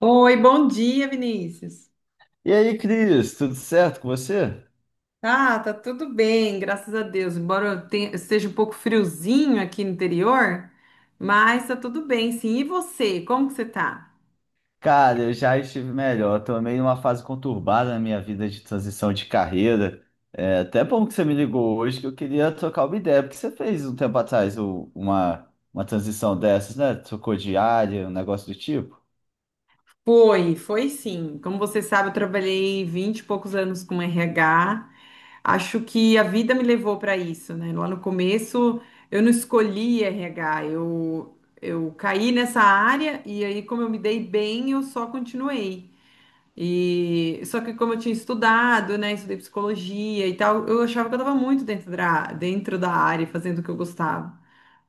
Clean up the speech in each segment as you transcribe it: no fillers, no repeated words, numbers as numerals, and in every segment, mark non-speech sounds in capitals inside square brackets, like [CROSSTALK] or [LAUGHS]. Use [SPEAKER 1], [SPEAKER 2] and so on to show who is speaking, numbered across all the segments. [SPEAKER 1] Oi, bom dia, Vinícius.
[SPEAKER 2] E aí, Cris, tudo certo com você?
[SPEAKER 1] Ah, tá tudo bem, graças a Deus. Embora eu esteja um pouco friozinho aqui no interior, mas tá tudo bem, sim. E você, como que você tá?
[SPEAKER 2] Cara, eu já estive melhor. Eu tô meio numa fase conturbada na minha vida de transição de carreira. É até bom que você me ligou hoje, que eu queria trocar uma ideia, porque você fez um tempo atrás uma transição dessas, né? Trocou de área, um negócio do tipo.
[SPEAKER 1] Foi, sim. Como você sabe, eu trabalhei 20 e poucos anos com RH. Acho que a vida me levou para isso, né? Lá no começo, eu não escolhi RH, eu caí nessa área e aí, como eu me dei bem, eu só continuei. E só que como eu tinha estudado, né, estudei psicologia e tal, eu achava que eu estava muito dentro da área, fazendo o que eu gostava.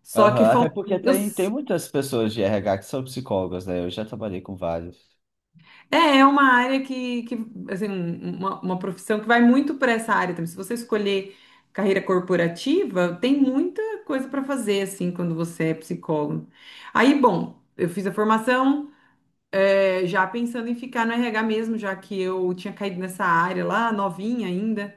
[SPEAKER 1] Só que
[SPEAKER 2] Aham. Até
[SPEAKER 1] falta,
[SPEAKER 2] porque
[SPEAKER 1] eu
[SPEAKER 2] tem
[SPEAKER 1] s-
[SPEAKER 2] muitas pessoas de RH que são psicólogas, né? Eu já trabalhei com vários.
[SPEAKER 1] é, é uma área que assim, uma profissão que vai muito para essa área também. Se você escolher carreira corporativa, tem muita coisa para fazer assim quando você é psicólogo. Aí, bom, eu fiz a formação, já pensando em ficar no RH mesmo, já que eu tinha caído nessa área lá, novinha ainda.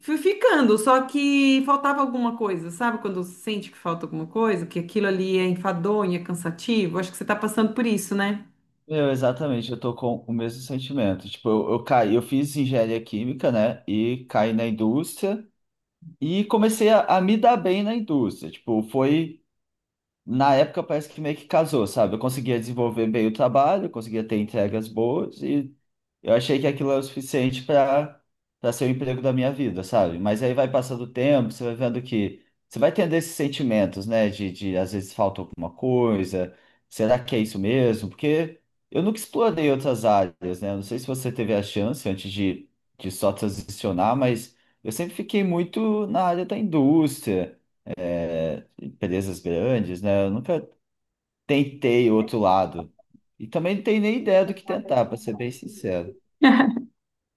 [SPEAKER 1] Fui ficando, só que faltava alguma coisa, sabe? Quando você sente que falta alguma coisa, que aquilo ali é enfadonho, é cansativo. Acho que você está passando por isso, né?
[SPEAKER 2] Meu, exatamente, eu tô com o mesmo sentimento. Tipo, eu caí, eu fiz engenharia química, né? E caí na indústria. E comecei a me dar bem na indústria. Tipo, foi. Na época parece que meio que casou, sabe? Eu conseguia desenvolver bem o trabalho, eu conseguia ter entregas boas e eu achei que aquilo era o suficiente para ser o emprego da minha vida, sabe? Mas aí vai passando o tempo, você vai vendo que você vai tendo esses sentimentos, né? De às vezes falta alguma coisa, será que é isso mesmo? Porque eu nunca explorei outras áreas, né? Eu não sei se você teve a chance antes de só transicionar, mas eu sempre fiquei muito na área da indústria, empresas grandes, né? Eu nunca tentei o outro lado. E também não tenho nem ideia do que tentar, para ser bem sincero.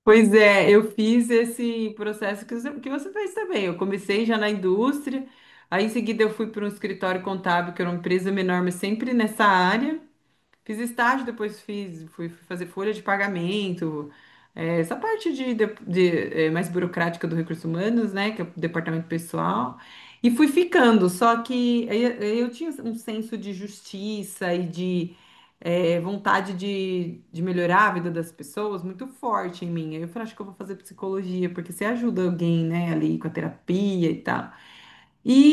[SPEAKER 1] Pois é, eu fiz esse processo que você fez também. Eu comecei já na indústria, aí em seguida eu fui para um escritório contábil, que era uma empresa menor, mas sempre nessa área. Fiz estágio, depois fiz, fui fazer folha de pagamento. É, essa parte mais burocrática do recursos humanos, né? Que é o departamento pessoal. E fui ficando, só que eu tinha um senso de justiça e de vontade de melhorar a vida das pessoas muito forte em mim. Aí eu falei, acho que eu vou fazer psicologia, porque você ajuda alguém, né, ali com a terapia e tal.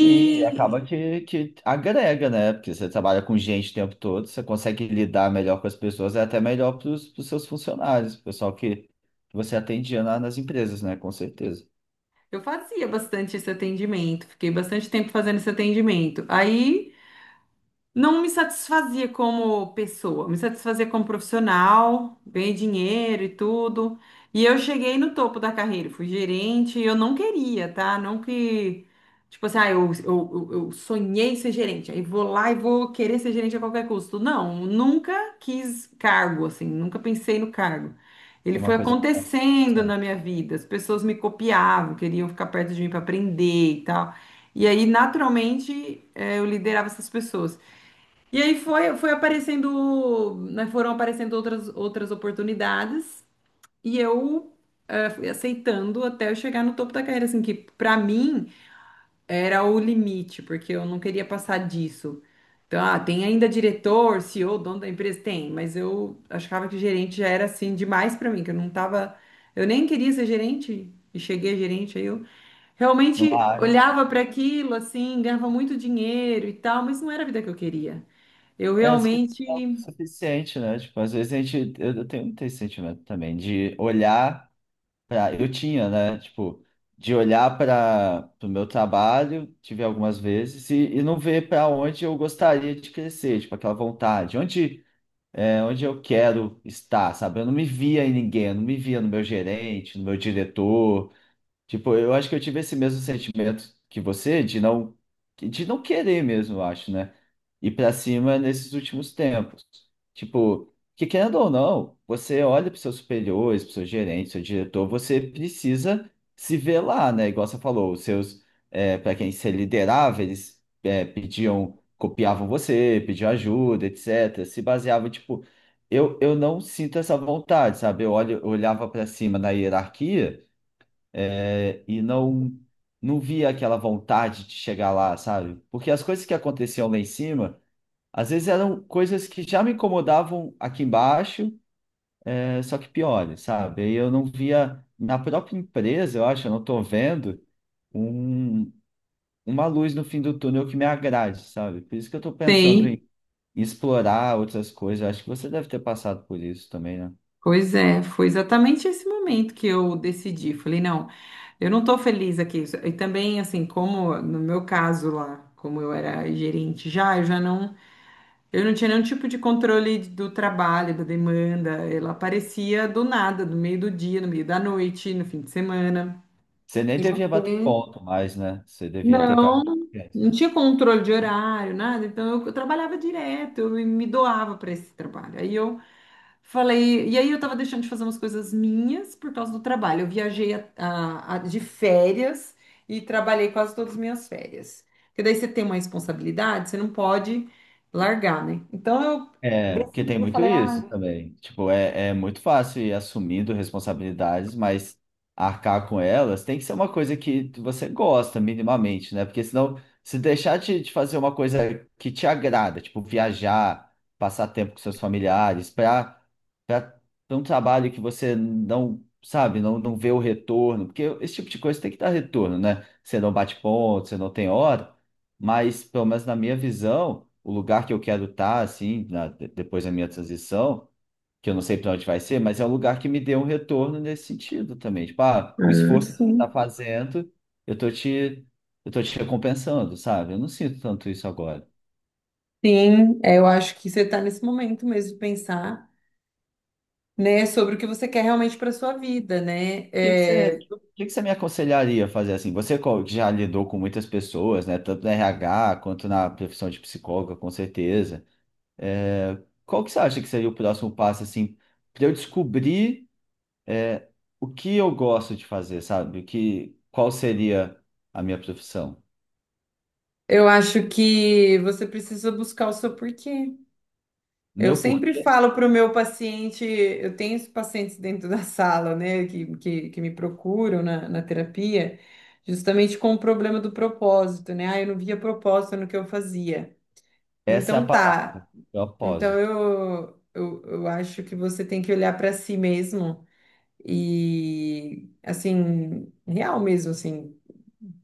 [SPEAKER 2] E acaba que agrega, né? Porque você trabalha com gente o tempo todo, você consegue lidar melhor com as pessoas, é até melhor para os seus funcionários, o pessoal que você atendia lá nas empresas, né? Com certeza.
[SPEAKER 1] Eu fazia bastante esse atendimento, fiquei bastante tempo fazendo esse atendimento. Aí, não me satisfazia como pessoa, me satisfazia como profissional, ganhei dinheiro e tudo. E eu cheguei no topo da carreira, fui gerente, e eu não queria, tá? Não que, tipo assim, ah, eu sonhei ser gerente, aí vou lá e vou querer ser gerente a qualquer custo. Não, nunca quis cargo, assim, nunca pensei no cargo. Ele
[SPEAKER 2] É
[SPEAKER 1] foi
[SPEAKER 2] uma coisa que tá
[SPEAKER 1] acontecendo na
[SPEAKER 2] certo.
[SPEAKER 1] minha vida, as pessoas me copiavam, queriam ficar perto de mim para aprender e tal. E aí, naturalmente, eu liderava essas pessoas. E aí foi aparecendo, né, foram aparecendo outras oportunidades e eu fui aceitando até eu chegar no topo da carreira, assim, que pra mim era o limite, porque eu não queria passar disso. Então, ah, tem ainda diretor, CEO, dono da empresa? Tem, mas eu achava que gerente já era assim demais pra mim, que eu não tava, eu nem queria ser gerente e cheguei a gerente aí,
[SPEAKER 2] Numa
[SPEAKER 1] realmente
[SPEAKER 2] área.
[SPEAKER 1] olhava para aquilo assim, ganhava muito dinheiro e tal, mas não era a vida que eu queria. Eu
[SPEAKER 2] É, às vezes
[SPEAKER 1] realmente
[SPEAKER 2] não é o suficiente, né? Tipo, às vezes a gente. Eu tenho muito esse sentimento também, de olhar. Eu tinha, né? Tipo, de olhar para o meu trabalho, tive algumas vezes, e não ver para onde eu gostaria de crescer, tipo, aquela vontade, onde, é, onde eu quero estar, sabe? Eu não me via em ninguém, eu não me via no meu gerente, no meu diretor. Tipo, eu acho que eu tive esse mesmo sentimento que você de não querer mesmo, eu acho, né? Ir pra cima nesses últimos tempos. Tipo, que querendo ou não, você olha para seus superiores, para seu gerente, seu diretor, você precisa se ver lá, né? Igual você falou, os seus para quem você liderava, eles é, pediam, copiavam você, pediam ajuda, etc. Se baseava, tipo, eu não sinto essa vontade, sabe? Eu olho, eu olhava para cima na hierarquia, é, e não não via aquela vontade de chegar lá, sabe? Porque as coisas que aconteciam lá em cima, às vezes eram coisas que já me incomodavam aqui embaixo, é, só que piores, sabe? E eu não via na própria empresa, eu acho, eu não estou vendo um, uma luz no fim do túnel que me agrade, sabe? Por isso que eu estou pensando
[SPEAKER 1] sei,
[SPEAKER 2] em explorar outras coisas. Eu acho que você deve ter passado por isso também, né?
[SPEAKER 1] pois é, foi exatamente esse momento que eu decidi. Falei, não, eu não estou feliz aqui. E também, assim, como no meu caso lá, como eu era gerente já, eu já não, eu não tinha nenhum tipo de controle do trabalho, da demanda. Ela aparecia do nada, no meio do dia, no meio da noite, no fim de semana.
[SPEAKER 2] Você nem
[SPEAKER 1] E
[SPEAKER 2] devia bater
[SPEAKER 1] você?
[SPEAKER 2] ponto mais, né? Você devia ter
[SPEAKER 1] Não,
[SPEAKER 2] carro de
[SPEAKER 1] não
[SPEAKER 2] clientes.
[SPEAKER 1] tinha controle de horário, nada. Então eu trabalhava direto, eu me doava para esse trabalho. Aí eu falei, e aí eu estava deixando de fazer umas coisas minhas por causa do trabalho. Eu viajei de férias e trabalhei quase todas as minhas férias. Porque daí você tem uma responsabilidade, você não pode largar, né? Então eu
[SPEAKER 2] É, porque tem
[SPEAKER 1] decidi,
[SPEAKER 2] muito
[SPEAKER 1] falei,
[SPEAKER 2] isso
[SPEAKER 1] ah,
[SPEAKER 2] também. Tipo, é, é muito fácil ir assumindo responsabilidades, mas arcar com elas tem que ser uma coisa que você gosta minimamente, né? Porque senão, se deixar de fazer uma coisa que te agrada, tipo viajar, passar tempo com seus familiares, para um trabalho que você não, sabe, não, não vê o retorno, porque esse tipo de coisa tem que dar retorno, né? Você não bate ponto, você não tem hora. Mas, pelo menos na minha visão, o lugar que eu quero estar, assim, depois da minha transição, que eu não sei para onde vai ser, mas é um lugar que me dê um retorno nesse sentido também. Tipo, ah, o
[SPEAKER 1] ah,
[SPEAKER 2] esforço que você
[SPEAKER 1] sim.
[SPEAKER 2] está fazendo, eu tô te, eu tô te recompensando, sabe? Eu não sinto tanto isso agora. O
[SPEAKER 1] Sim, é, eu acho que você está nesse momento mesmo de pensar, né, sobre o que você quer realmente para sua vida, né?
[SPEAKER 2] que que você, o
[SPEAKER 1] É,
[SPEAKER 2] que que você me aconselharia a fazer assim? Você que já lidou com muitas pessoas, né? Tanto na RH quanto na profissão de psicóloga, com certeza. É, qual que você acha que seria o próximo passo, assim, para eu descobrir o que eu gosto de fazer, sabe? O que, qual seria a minha profissão?
[SPEAKER 1] eu acho que você precisa buscar o seu porquê. Eu
[SPEAKER 2] Meu
[SPEAKER 1] sempre
[SPEAKER 2] porquê?
[SPEAKER 1] falo para o meu paciente, eu tenho os pacientes dentro da sala, né, que me procuram na terapia, justamente com o problema do propósito, né? Ah, eu não via propósito no que eu fazia.
[SPEAKER 2] Essa é a
[SPEAKER 1] Então
[SPEAKER 2] palavra,
[SPEAKER 1] tá. Então
[SPEAKER 2] propósito.
[SPEAKER 1] eu acho que você tem que olhar para si mesmo e assim, real mesmo, assim,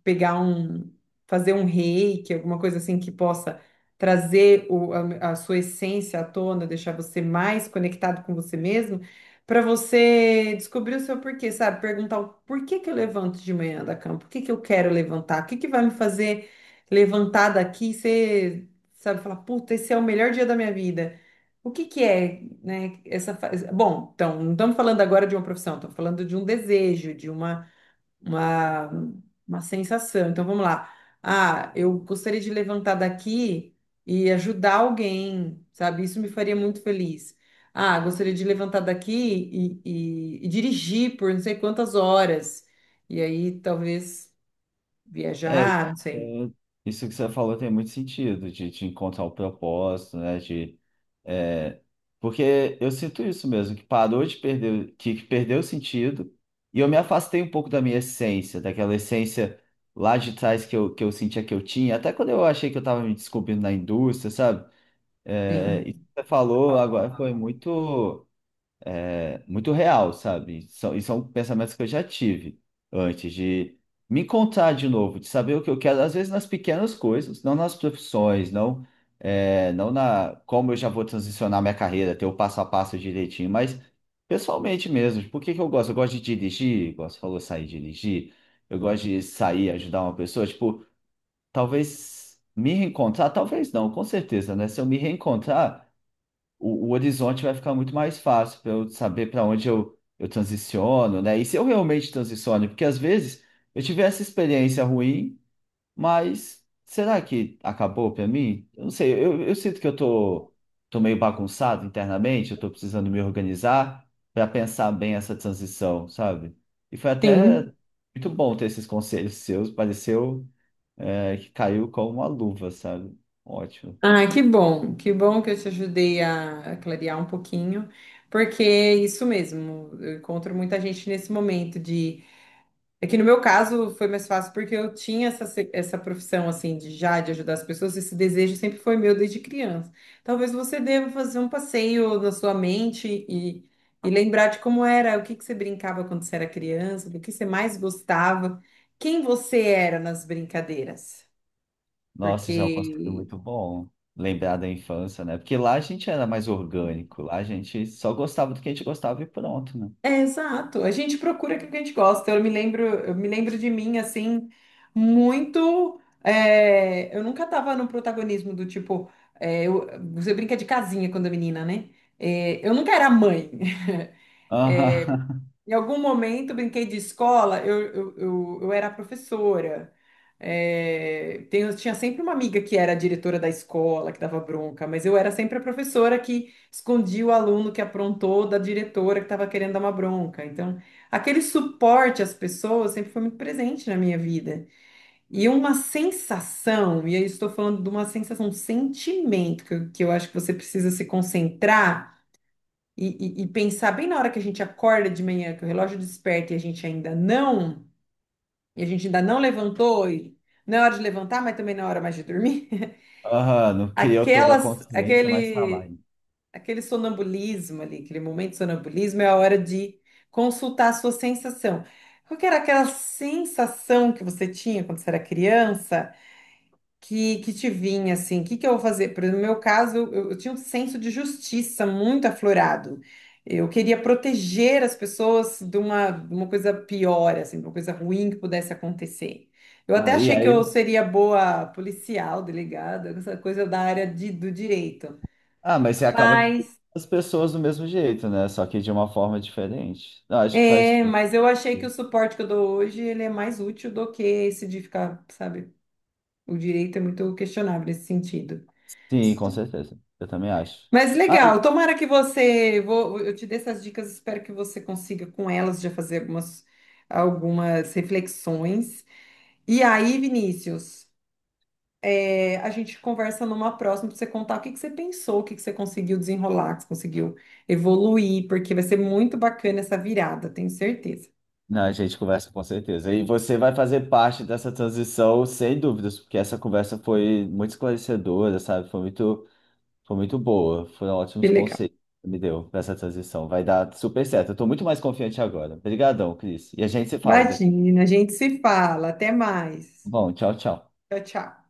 [SPEAKER 1] pegar um, fazer um reiki, alguma coisa assim que possa trazer a sua essência à tona, deixar você mais conectado com você mesmo, para você descobrir o seu porquê, sabe? Perguntar o porquê que eu levanto de manhã da cama, por que que eu quero levantar, o que que vai me fazer levantar daqui e ser, sabe, falar, puta, esse é o melhor dia da minha vida. O que que é, né, essa bom, então, não estamos falando agora de uma profissão, estamos falando de um desejo, uma, uma sensação. Então, vamos lá. Ah, eu gostaria de levantar daqui e ajudar alguém, sabe? Isso me faria muito feliz. Ah, gostaria de levantar daqui e dirigir por não sei quantas horas. E aí, talvez,
[SPEAKER 2] É,
[SPEAKER 1] viajar, não sei.
[SPEAKER 2] é- isso que você falou tem muito sentido, de encontrar o propósito, né? De, é, porque eu sinto isso mesmo, que parou de perder, que perdeu o sentido, e eu me afastei um pouco da minha essência, daquela essência lá de trás que eu sentia que eu tinha, até quando eu achei que eu estava me descobrindo na indústria, sabe? É, isso
[SPEAKER 1] Sim.
[SPEAKER 2] que você falou agora foi muito, é, muito real, sabe? São, e são pensamentos que eu já tive antes de me encontrar de novo, de saber o que eu quero, às vezes nas pequenas coisas, não nas profissões, não, é, não na como eu já vou transicionar minha carreira, ter o passo a passo direitinho, mas pessoalmente mesmo, por que que eu gosto? Eu gosto de dirigir, igual você falou, sair e dirigir, eu gosto de sair, ajudar uma pessoa, tipo, talvez me reencontrar, talvez não, com certeza, né? Se eu me reencontrar o horizonte vai ficar muito mais fácil para eu saber para onde eu transiciono, né? E se eu realmente transiciono, porque às vezes eu tive essa experiência ruim, mas será que acabou para mim? Eu não sei, eu sinto que eu tô meio bagunçado internamente, eu tô precisando me organizar para pensar bem essa transição, sabe? E foi até
[SPEAKER 1] Sim.
[SPEAKER 2] muito bom ter esses conselhos seus, pareceu, é, que caiu como uma luva, sabe? Ótimo.
[SPEAKER 1] Ah, que bom, que bom que eu te ajudei a clarear um pouquinho, porque é isso mesmo, eu encontro muita gente nesse momento de. É que no meu caso foi mais fácil porque eu tinha essa, essa profissão assim de já de ajudar as pessoas, esse desejo sempre foi meu desde criança. Talvez você deva fazer um passeio na sua mente e lembrar de como era, o que que você brincava quando você era criança, do que você mais gostava, quem você era nas brincadeiras.
[SPEAKER 2] Nossa, isso é um conceito
[SPEAKER 1] Porque
[SPEAKER 2] muito bom. Lembrar da infância, né? Porque lá a gente era mais orgânico, lá a gente só gostava do que a gente gostava e pronto, né?
[SPEAKER 1] é, exato. A gente procura aquilo que a gente gosta. Eu me lembro de mim assim muito. É, eu nunca tava no protagonismo do tipo, é, eu- você brinca de casinha quando é menina, né? É, eu nunca era mãe. [LAUGHS]
[SPEAKER 2] Aham.
[SPEAKER 1] Em algum momento brinquei de escola, eu era professora. É, tinha sempre uma amiga que era a diretora da escola, que dava bronca, mas eu era sempre a professora que escondia o aluno que aprontou da diretora que estava querendo dar uma bronca. Então, aquele suporte às pessoas sempre foi muito presente na minha vida. E uma sensação, e aí estou falando de uma sensação, um sentimento que eu acho que você precisa se concentrar e pensar bem na hora que a gente acorda de manhã, que o relógio desperta e a gente ainda não e a gente ainda não levantou, e não é hora de levantar, mas também não é hora mais de dormir.
[SPEAKER 2] [LAUGHS] Aham,
[SPEAKER 1] [LAUGHS]
[SPEAKER 2] não criou toda a
[SPEAKER 1] Aquelas,
[SPEAKER 2] consciência, mas tá lá,
[SPEAKER 1] aquele,
[SPEAKER 2] hein?
[SPEAKER 1] aquele sonambulismo ali, aquele momento de sonambulismo é a hora de consultar a sua sensação. Qual que era aquela sensação que você tinha quando você era criança? Que te vinha assim, o que que eu vou fazer? Por exemplo, no meu caso, eu tinha um senso de justiça muito aflorado. Eu queria proteger as pessoas de uma coisa pior, assim, de uma coisa ruim que pudesse acontecer. Eu até
[SPEAKER 2] Ah, e
[SPEAKER 1] achei que eu
[SPEAKER 2] aí,
[SPEAKER 1] seria boa policial, delegada, essa coisa da área do direito.
[SPEAKER 2] ah, mas você acaba que cuida
[SPEAKER 1] Mas,
[SPEAKER 2] as pessoas do mesmo jeito, né? Só que de uma forma diferente. Eu acho que faz
[SPEAKER 1] é,
[SPEAKER 2] tudo.
[SPEAKER 1] mas eu achei que o suporte que eu dou hoje, ele é mais útil do que esse de ficar, sabe? O direito é muito questionável nesse sentido.
[SPEAKER 2] Sim, com certeza. Eu também acho.
[SPEAKER 1] Mas
[SPEAKER 2] Ah,
[SPEAKER 1] legal, tomara que você, vou, eu te dei essas dicas, espero que você consiga com elas já fazer algumas, algumas reflexões. E aí, Vinícius, é, a gente conversa numa próxima para você contar o que que você pensou, o que que você conseguiu desenrolar, que você conseguiu evoluir, porque vai ser muito bacana essa virada, tenho certeza.
[SPEAKER 2] não, a gente conversa com certeza. E você vai fazer parte dessa transição, sem dúvidas, porque essa conversa foi muito esclarecedora, sabe? Foi muito boa, foram
[SPEAKER 1] Que
[SPEAKER 2] ótimos
[SPEAKER 1] legal.
[SPEAKER 2] conselhos que me deu para essa transição. Vai dar super certo. Eu tô muito mais confiante agora. Obrigadão, Cris. E a gente se fala depois. Tá
[SPEAKER 1] Imagina, a gente se fala, até mais.
[SPEAKER 2] bom, tchau, tchau.
[SPEAKER 1] Tchau, tchau.